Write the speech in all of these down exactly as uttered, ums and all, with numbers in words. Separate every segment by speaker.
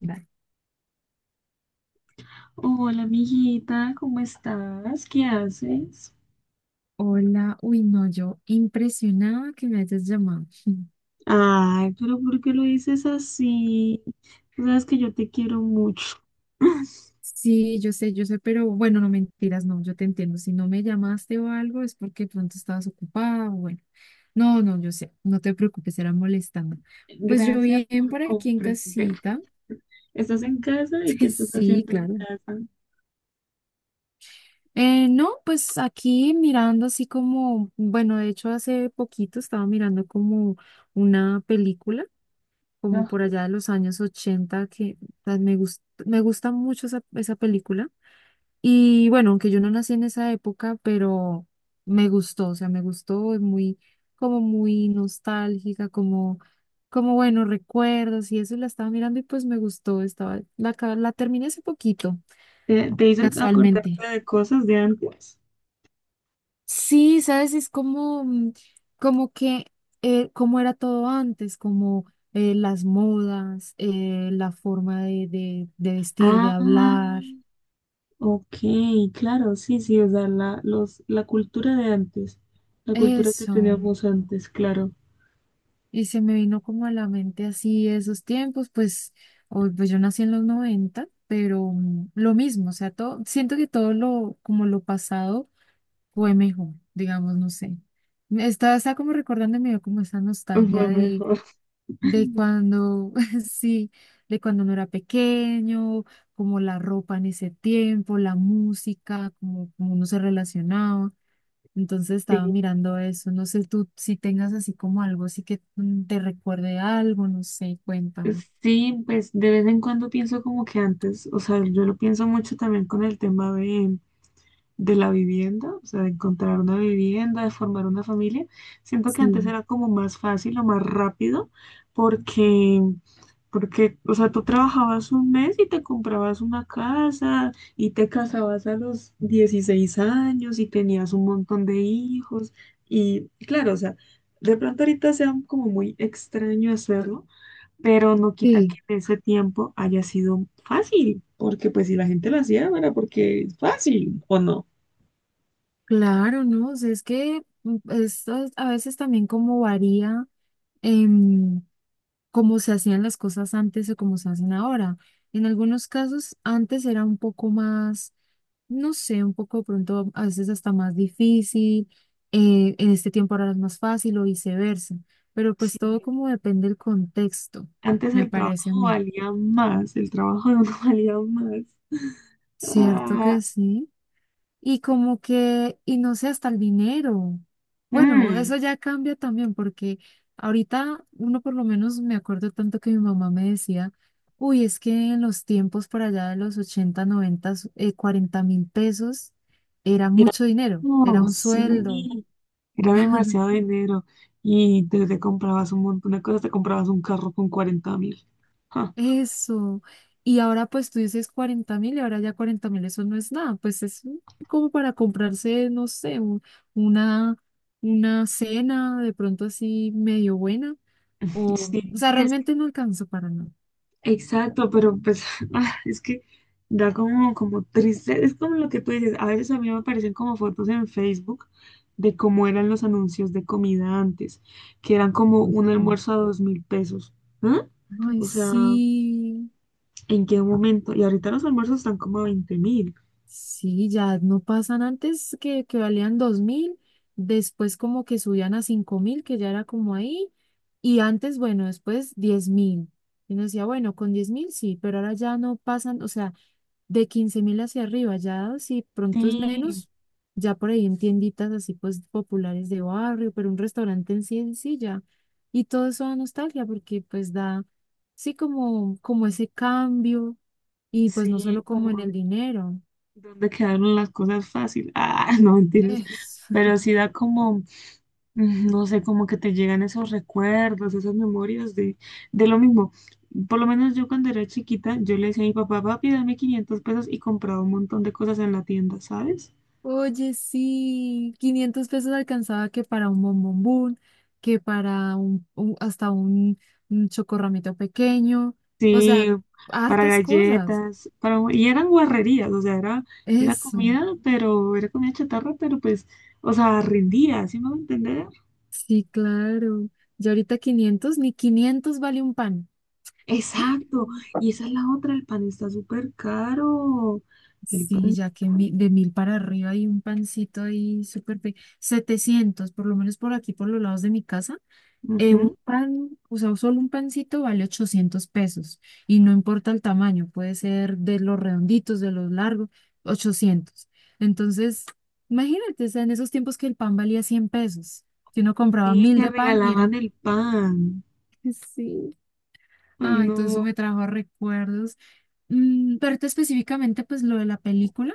Speaker 1: Vale.
Speaker 2: Hola, amiguita, ¿cómo estás? ¿Qué haces?
Speaker 1: Hola, uy, no, yo impresionada que me hayas llamado.
Speaker 2: Ay, pero ¿por qué lo dices así? Tú sabes que yo te quiero mucho.
Speaker 1: Sí, yo sé, yo sé, pero bueno, no mentiras, no, yo te entiendo. Si no me llamaste o algo es porque pronto estabas ocupada, o bueno. No, no, yo sé, no te preocupes, era molestando. Pues yo
Speaker 2: Gracias
Speaker 1: bien
Speaker 2: por
Speaker 1: por aquí en
Speaker 2: comprender.
Speaker 1: casita.
Speaker 2: ¿Estás en casa y qué estás
Speaker 1: Sí,
Speaker 2: haciendo en
Speaker 1: claro.
Speaker 2: casa?
Speaker 1: Eh, no, pues aquí mirando así como, bueno, de hecho hace poquito estaba mirando como una película, como
Speaker 2: No.
Speaker 1: por allá de los años ochenta. Que ah, me gust- me gusta mucho esa, esa película. Y bueno, aunque yo no nací en esa época, pero me gustó, o sea, me gustó, es muy, como muy nostálgica, como, como bueno, recuerdos y eso. Y la estaba mirando y pues me gustó, estaba, la, ca- la terminé hace poquito,
Speaker 2: ¿Te, te hizo
Speaker 1: casualmente.
Speaker 2: acordarte de cosas de antes?
Speaker 1: Sí, sabes, es como, mm, como que, eh, como era todo antes, como eh, las modas, eh, la forma de, de, de vestir, de
Speaker 2: Ah,
Speaker 1: hablar,
Speaker 2: ok, claro, sí, sí, o sea, la, los, la cultura de antes, la cultura que
Speaker 1: eso.
Speaker 2: teníamos antes, claro,
Speaker 1: Y se me vino como a la mente así esos tiempos. Pues hoy, pues yo nací en los noventa, pero mm, lo mismo, o sea, todo, siento que todo lo, como lo pasado fue mejor, digamos, no sé. Estaba, estaba como recordando, me dio como esa nostalgia
Speaker 2: fue mejor.
Speaker 1: de cuando, sí, de cuando uno era pequeño, como la ropa en ese tiempo, la música, como, como uno se relacionaba. Entonces estaba
Speaker 2: Sí.
Speaker 1: mirando eso. No sé tú si tengas así como algo, así que mm, te recuerde algo, no sé, cuéntame.
Speaker 2: Sí, pues de vez en cuando pienso como que antes, o sea, yo lo pienso mucho también con el tema de, de la vivienda, o sea, de encontrar una vivienda, de formar una familia. Siento que antes
Speaker 1: Sí,
Speaker 2: era como más fácil o más rápido porque, porque, o sea, tú trabajabas un mes y te comprabas una casa y te casabas a los dieciséis años y tenías un montón de hijos y claro, o sea, de pronto ahorita sea como muy extraño hacerlo, pero no quita que
Speaker 1: sí,
Speaker 2: en ese tiempo haya sido fácil, porque pues si la gente lo hacía, era porque es fácil o no.
Speaker 1: claro, ¿no? O sea, es que mm, esto es- a veces también como varía, em, cómo se hacían las cosas antes o cómo se hacen ahora. En algunos casos antes era un poco más, no sé, un poco pronto a veces hasta más difícil. Eh, en este tiempo ahora es más fácil o viceversa, pero pues
Speaker 2: Sí,
Speaker 1: todo como depende del contexto,
Speaker 2: antes
Speaker 1: me
Speaker 2: el
Speaker 1: parece a
Speaker 2: trabajo
Speaker 1: mí.
Speaker 2: valía más, el trabajo no valía más.
Speaker 1: Cierto que
Speaker 2: Ah,
Speaker 1: sí. Y como que, y no sé, hasta el dinero. Bueno,
Speaker 2: mm,
Speaker 1: eso ya cambia también porque ahorita uno, por lo menos me acuerdo tanto que mi mamá me decía, uy, es que en los tiempos por allá de los ochenta noventa, eh, cuarenta mil pesos era
Speaker 2: era
Speaker 1: mucho dinero, era
Speaker 2: como,
Speaker 1: un
Speaker 2: sí,
Speaker 1: sueldo.
Speaker 2: era demasiado dinero y te, te comprabas un montón de cosas, te comprabas un carro con cuarenta mil. Ah,
Speaker 1: Eso. Y ahora pues tú dices cuarenta mil y ahora ya cuarenta mil, eso no es nada. Pues es un- como para comprarse, no sé, un- una, una cena de pronto así medio buena. O,
Speaker 2: sí,
Speaker 1: o sea,
Speaker 2: y es que,
Speaker 1: realmente no alcanzó para nada.
Speaker 2: exacto, pero pues ah, es que da como, como triste, es como lo que tú dices, a veces a mí me aparecen como fotos en Facebook de cómo eran los anuncios de comida antes, que eran como
Speaker 1: Oye,
Speaker 2: un
Speaker 1: sí.
Speaker 2: almuerzo a dos mil pesos, ¿ah?
Speaker 1: Ay,
Speaker 2: O sea,
Speaker 1: sí.
Speaker 2: ¿en qué momento? Y ahorita los almuerzos están como a veinte mil.
Speaker 1: Sí, ya no pasan, antes que, que valían dos mil, después como que subían a cinco mil que ya era como ahí. Y antes, bueno, después diez mil. Y uno decía, bueno, con diez mil sí, pero ahora ya no pasan, o sea, de quince mil hacia arriba. Ya si pronto es
Speaker 2: Sí,
Speaker 1: menos, ya por ahí en tienditas así pues populares de barrio, pero un restaurante en sí, en sí ya. Y todo eso da nostalgia porque pues da, sí, como, como ese cambio, y pues no
Speaker 2: sí,
Speaker 1: solo como en
Speaker 2: como,
Speaker 1: el dinero.
Speaker 2: donde quedaron las cosas fácil. Ah, no mentiras.
Speaker 1: Es-
Speaker 2: Pero sí da como, mm, no sé, como que te llegan esos recuerdos, esas memorias de, de lo mismo. Por lo menos yo cuando era chiquita, yo le decía a mi papá, papi, dame quinientos pesos y compraba un montón de cosas en la tienda, ¿sabes?
Speaker 1: Oye, sí, quinientos pesos alcanzaba que para un bombombón, que para un, un- hasta un, un chocorramito pequeño, o
Speaker 2: Sí,
Speaker 1: sea,
Speaker 2: para
Speaker 1: hartas cosas.
Speaker 2: galletas, para, y eran guarrerías, o sea, era, era
Speaker 1: Eso,
Speaker 2: comida, pero era comida chatarra, pero pues, o sea, rendía, ¿sí me va a entender?
Speaker 1: sí, claro. Ya ahorita quinientos, ni quinientos vale un pan.
Speaker 2: Exacto, y esa es la otra, el pan está súper caro, el
Speaker 1: Sí,
Speaker 2: pan,
Speaker 1: ya que mi- de mil para arriba hay un pancito ahí súper pe- setecientos, por lo menos por aquí, por los lados de mi casa. Eh, un
Speaker 2: ujú.
Speaker 1: pan, o sea, solo un pancito vale ochocientos pesos y no importa el tamaño, puede ser de los redonditos, de los largos, ochocientos. Entonces, imagínate, o sea, en esos tiempos que el pan valía cien pesos, que uno compraba
Speaker 2: Sí,
Speaker 1: mil
Speaker 2: que
Speaker 1: de pan y era,
Speaker 2: regalaban el pan.
Speaker 1: sí, ay, todo eso
Speaker 2: No,
Speaker 1: me trajo recuerdos. Mm, pero ahorita específicamente, pues lo de la película,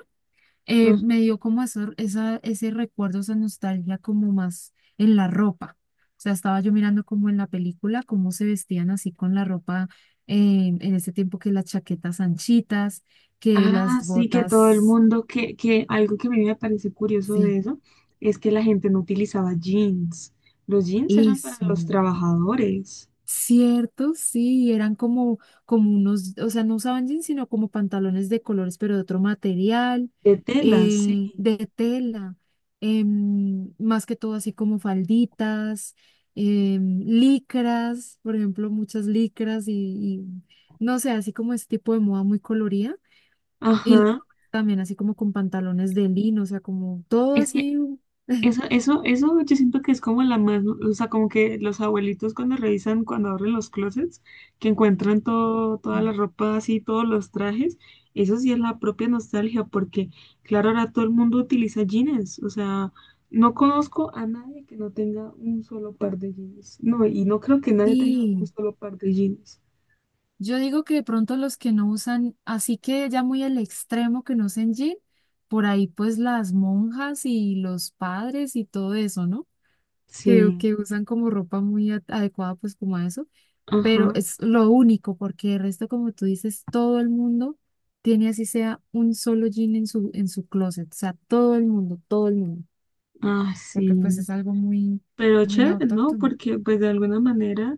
Speaker 1: eh,
Speaker 2: no.
Speaker 1: me dio como eso, esa, ese recuerdo, esa nostalgia como más en la ropa. O sea, estaba yo mirando como en la película, cómo se vestían así con la ropa, eh, en ese tiempo, que las chaquetas anchitas, que
Speaker 2: Ah,
Speaker 1: las
Speaker 2: sí, que todo el
Speaker 1: botas,
Speaker 2: mundo, que, que algo que a mí me parece curioso
Speaker 1: sí,
Speaker 2: de eso es que la gente no utilizaba jeans. Los jeans eran para
Speaker 1: eso.
Speaker 2: los trabajadores,
Speaker 1: Cierto, sí, eran como, como unos, o sea, no usaban jeans, sino como pantalones de colores, pero de otro material,
Speaker 2: de tela, sí.
Speaker 1: eh, de tela. Em, más que todo así como falditas, em, licras, por ejemplo, muchas licras y, y, no sé, así como ese tipo de moda muy colorida. Y los
Speaker 2: Ajá.
Speaker 1: hombres también así como con pantalones de lino, o sea, como todo
Speaker 2: Es que
Speaker 1: así, mm,
Speaker 2: Eso, eso, eso yo siento que es como la más, o sea, como que los abuelitos cuando revisan, cuando abren los closets, que encuentran todo, toda la ropa así, todos los trajes, eso sí es la propia nostalgia, porque claro, ahora todo el mundo utiliza jeans, o sea, no conozco a nadie que no tenga un solo par de jeans, no, y no creo que nadie tenga un
Speaker 1: sí.
Speaker 2: solo par de jeans.
Speaker 1: Yo digo que de pronto los que no usan, así que ya muy el extremo que no usen jean, por ahí pues las monjas y los padres y todo eso, ¿no? Que,
Speaker 2: Sí,
Speaker 1: que usan como ropa muy a- adecuada pues como a eso, pero
Speaker 2: ajá,
Speaker 1: es lo único, porque el resto, como tú dices, todo el mundo tiene así sea un solo jean en su, en su closet, o sea, todo el mundo, todo el mundo,
Speaker 2: ah, sí.
Speaker 1: porque pues es algo muy,
Speaker 2: Pero
Speaker 1: muy
Speaker 2: chévere, ¿no?
Speaker 1: autóctono.
Speaker 2: Porque pues de alguna manera,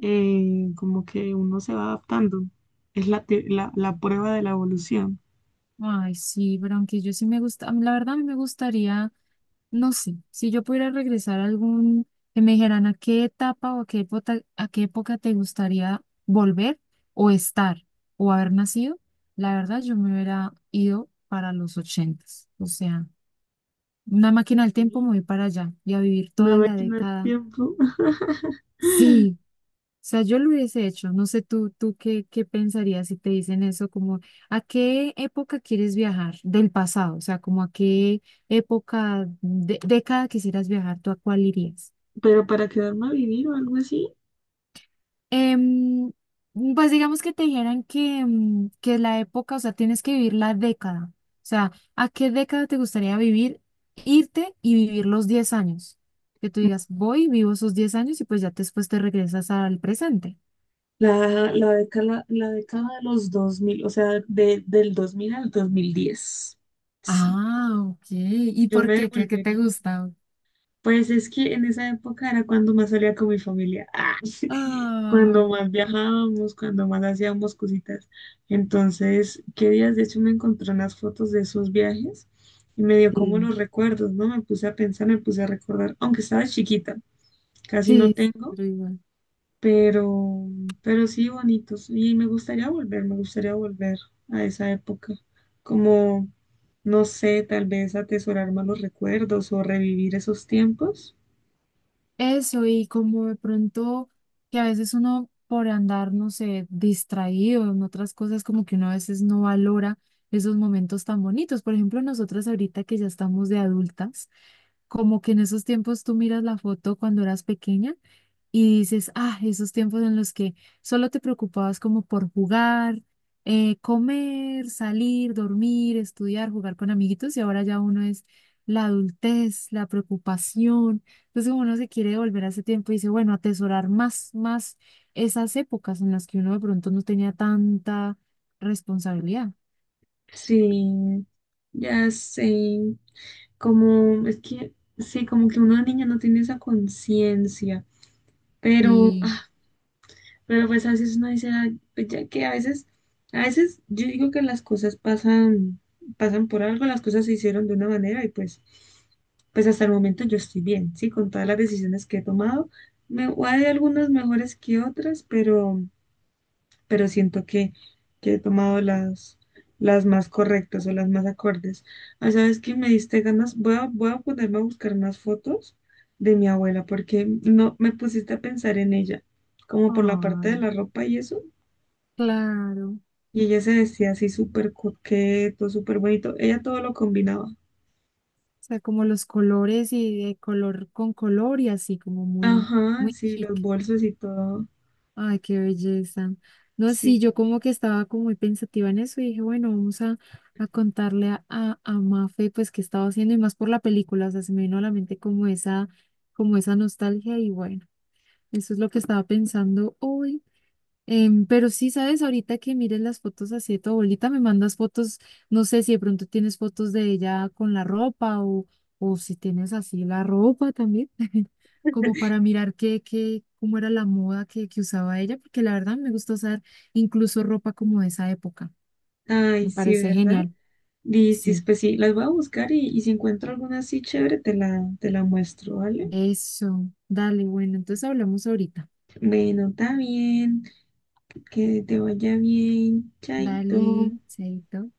Speaker 2: eh, como que uno se va adaptando. Es la, te- la, la prueba de la evolución.
Speaker 1: Ay, sí, pero aunque yo sí me gusta, a mí la verdad a mí me gustaría, no sé, si yo pudiera regresar a algún, que me dijeran a qué etapa o a qué época, a qué época te gustaría volver o estar o haber nacido, la verdad yo me hubiera ido para los ochentas. O sea, una máquina del tiempo,
Speaker 2: Ujú.
Speaker 1: me voy para allá y a vivir
Speaker 2: Una
Speaker 1: toda la
Speaker 2: máquina del
Speaker 1: década.
Speaker 2: tiempo.
Speaker 1: Sí, sea, yo lo hubiese hecho. No sé tú, tú qué, qué pensarías si te dicen eso, como a qué época quieres viajar del pasado, o sea, como a qué época, de, década quisieras viajar, ¿tú a cuál irías?
Speaker 2: Pero para quedarme a vivir o algo así,
Speaker 1: Em, pues digamos que te dijeran que, em, que la época, o sea, tienes que vivir la década. O sea, ¿a qué década te gustaría vivir, irte y vivir los diez años? Que tú digas, voy, vivo esos diez años y pues ya después te regresas al presente.
Speaker 2: la, la década, la década de los dos mil, o sea, de- del dos mil al dos mil diez. Sí,
Speaker 1: Ah, ok. ¿Y
Speaker 2: yo
Speaker 1: por
Speaker 2: me
Speaker 1: qué? ¿Qué, qué te
Speaker 2: devolvería.
Speaker 1: gusta?
Speaker 2: Pues es que en esa época era cuando más salía con mi familia. Ah, cuando
Speaker 1: Ay,
Speaker 2: más viajábamos, cuando más hacíamos cositas. Entonces, qué días, de hecho, me encontré unas fotos de esos viajes y me dio como
Speaker 1: sí.
Speaker 2: los recuerdos, ¿no? Me puse a pensar, me puse a recordar, aunque estaba chiquita, casi no
Speaker 1: Sí, sí,
Speaker 2: tengo,
Speaker 1: pero igual.
Speaker 2: pero, pero sí bonitos. Y me gustaría volver, me gustaría volver a esa época, como, no sé, tal vez atesorar más los recuerdos o revivir esos tiempos.
Speaker 1: Eso, y como de pronto que a veces uno por andar, no sé, distraído en otras cosas, como que uno a veces no valora esos momentos tan bonitos. Por ejemplo, nosotras ahorita que ya estamos de adultas, como que en esos tiempos tú miras la foto cuando eras pequeña y dices, ah, esos tiempos en los que solo te preocupabas como por jugar, eh, comer, salir, dormir, estudiar, jugar con amiguitos, y ahora ya uno es la adultez, la preocupación. Entonces como uno se quiere volver a ese tiempo y dice, bueno, atesorar más, más esas épocas en las que uno de pronto no tenía tanta responsabilidad.
Speaker 2: Sí, ya sé, como es que, sí, como que una niña no tiene esa conciencia, pero,
Speaker 1: Y,
Speaker 2: ah, pero pues a veces uno dice, "Ay, pues ya que a veces, a veces yo digo que las cosas pasan, pasan por algo, las cosas se hicieron de una manera y pues, pues hasta el momento yo estoy bien, sí, con todas las decisiones que he tomado, me, hay algunas mejores que otras, pero pero siento que, que he tomado las, las más correctas o las más acordes. Ah, ¿sabes qué? Me diste ganas. Voy a, voy a ponerme a buscar más fotos de mi abuela porque no me pusiste a pensar en ella, como por la parte de
Speaker 1: ay,
Speaker 2: la ropa y eso.
Speaker 1: claro.
Speaker 2: Y ella se vestía así súper coqueto, súper bonito. Ella todo lo combinaba.
Speaker 1: O sea, como los colores y de color con color y así, como muy,
Speaker 2: Ajá,
Speaker 1: muy
Speaker 2: sí, los
Speaker 1: chic.
Speaker 2: bolsos y todo.
Speaker 1: Ay, qué belleza. No, sí,
Speaker 2: Sí.
Speaker 1: yo como que estaba como muy pensativa en eso y dije, bueno, vamos a, a contarle a, a, a Mafe pues qué estaba haciendo y más por la película, o sea, se me vino a la mente como esa, como esa nostalgia y bueno, eso es lo que estaba pensando hoy. Em, pero sí, sabes, ahorita que mires las fotos así de tu abuelita, me mandas fotos, no sé si de pronto tienes fotos de ella con la ropa, o, o si tienes así la ropa también, como para mirar qué, qué, cómo era la moda que, que usaba ella, porque la verdad me gusta usar incluso ropa como de esa época,
Speaker 2: Ay,
Speaker 1: me
Speaker 2: sí,
Speaker 1: parece
Speaker 2: ¿verdad?
Speaker 1: genial.
Speaker 2: Listis,
Speaker 1: Sí,
Speaker 2: pues sí, las voy a buscar y, y si encuentro alguna así chévere, te la, te la muestro, ¿vale?
Speaker 1: eso, dale, bueno, entonces hablamos ahorita.
Speaker 2: Bueno, está bien. Que te vaya bien. Chaito.
Speaker 1: Dale, chaito.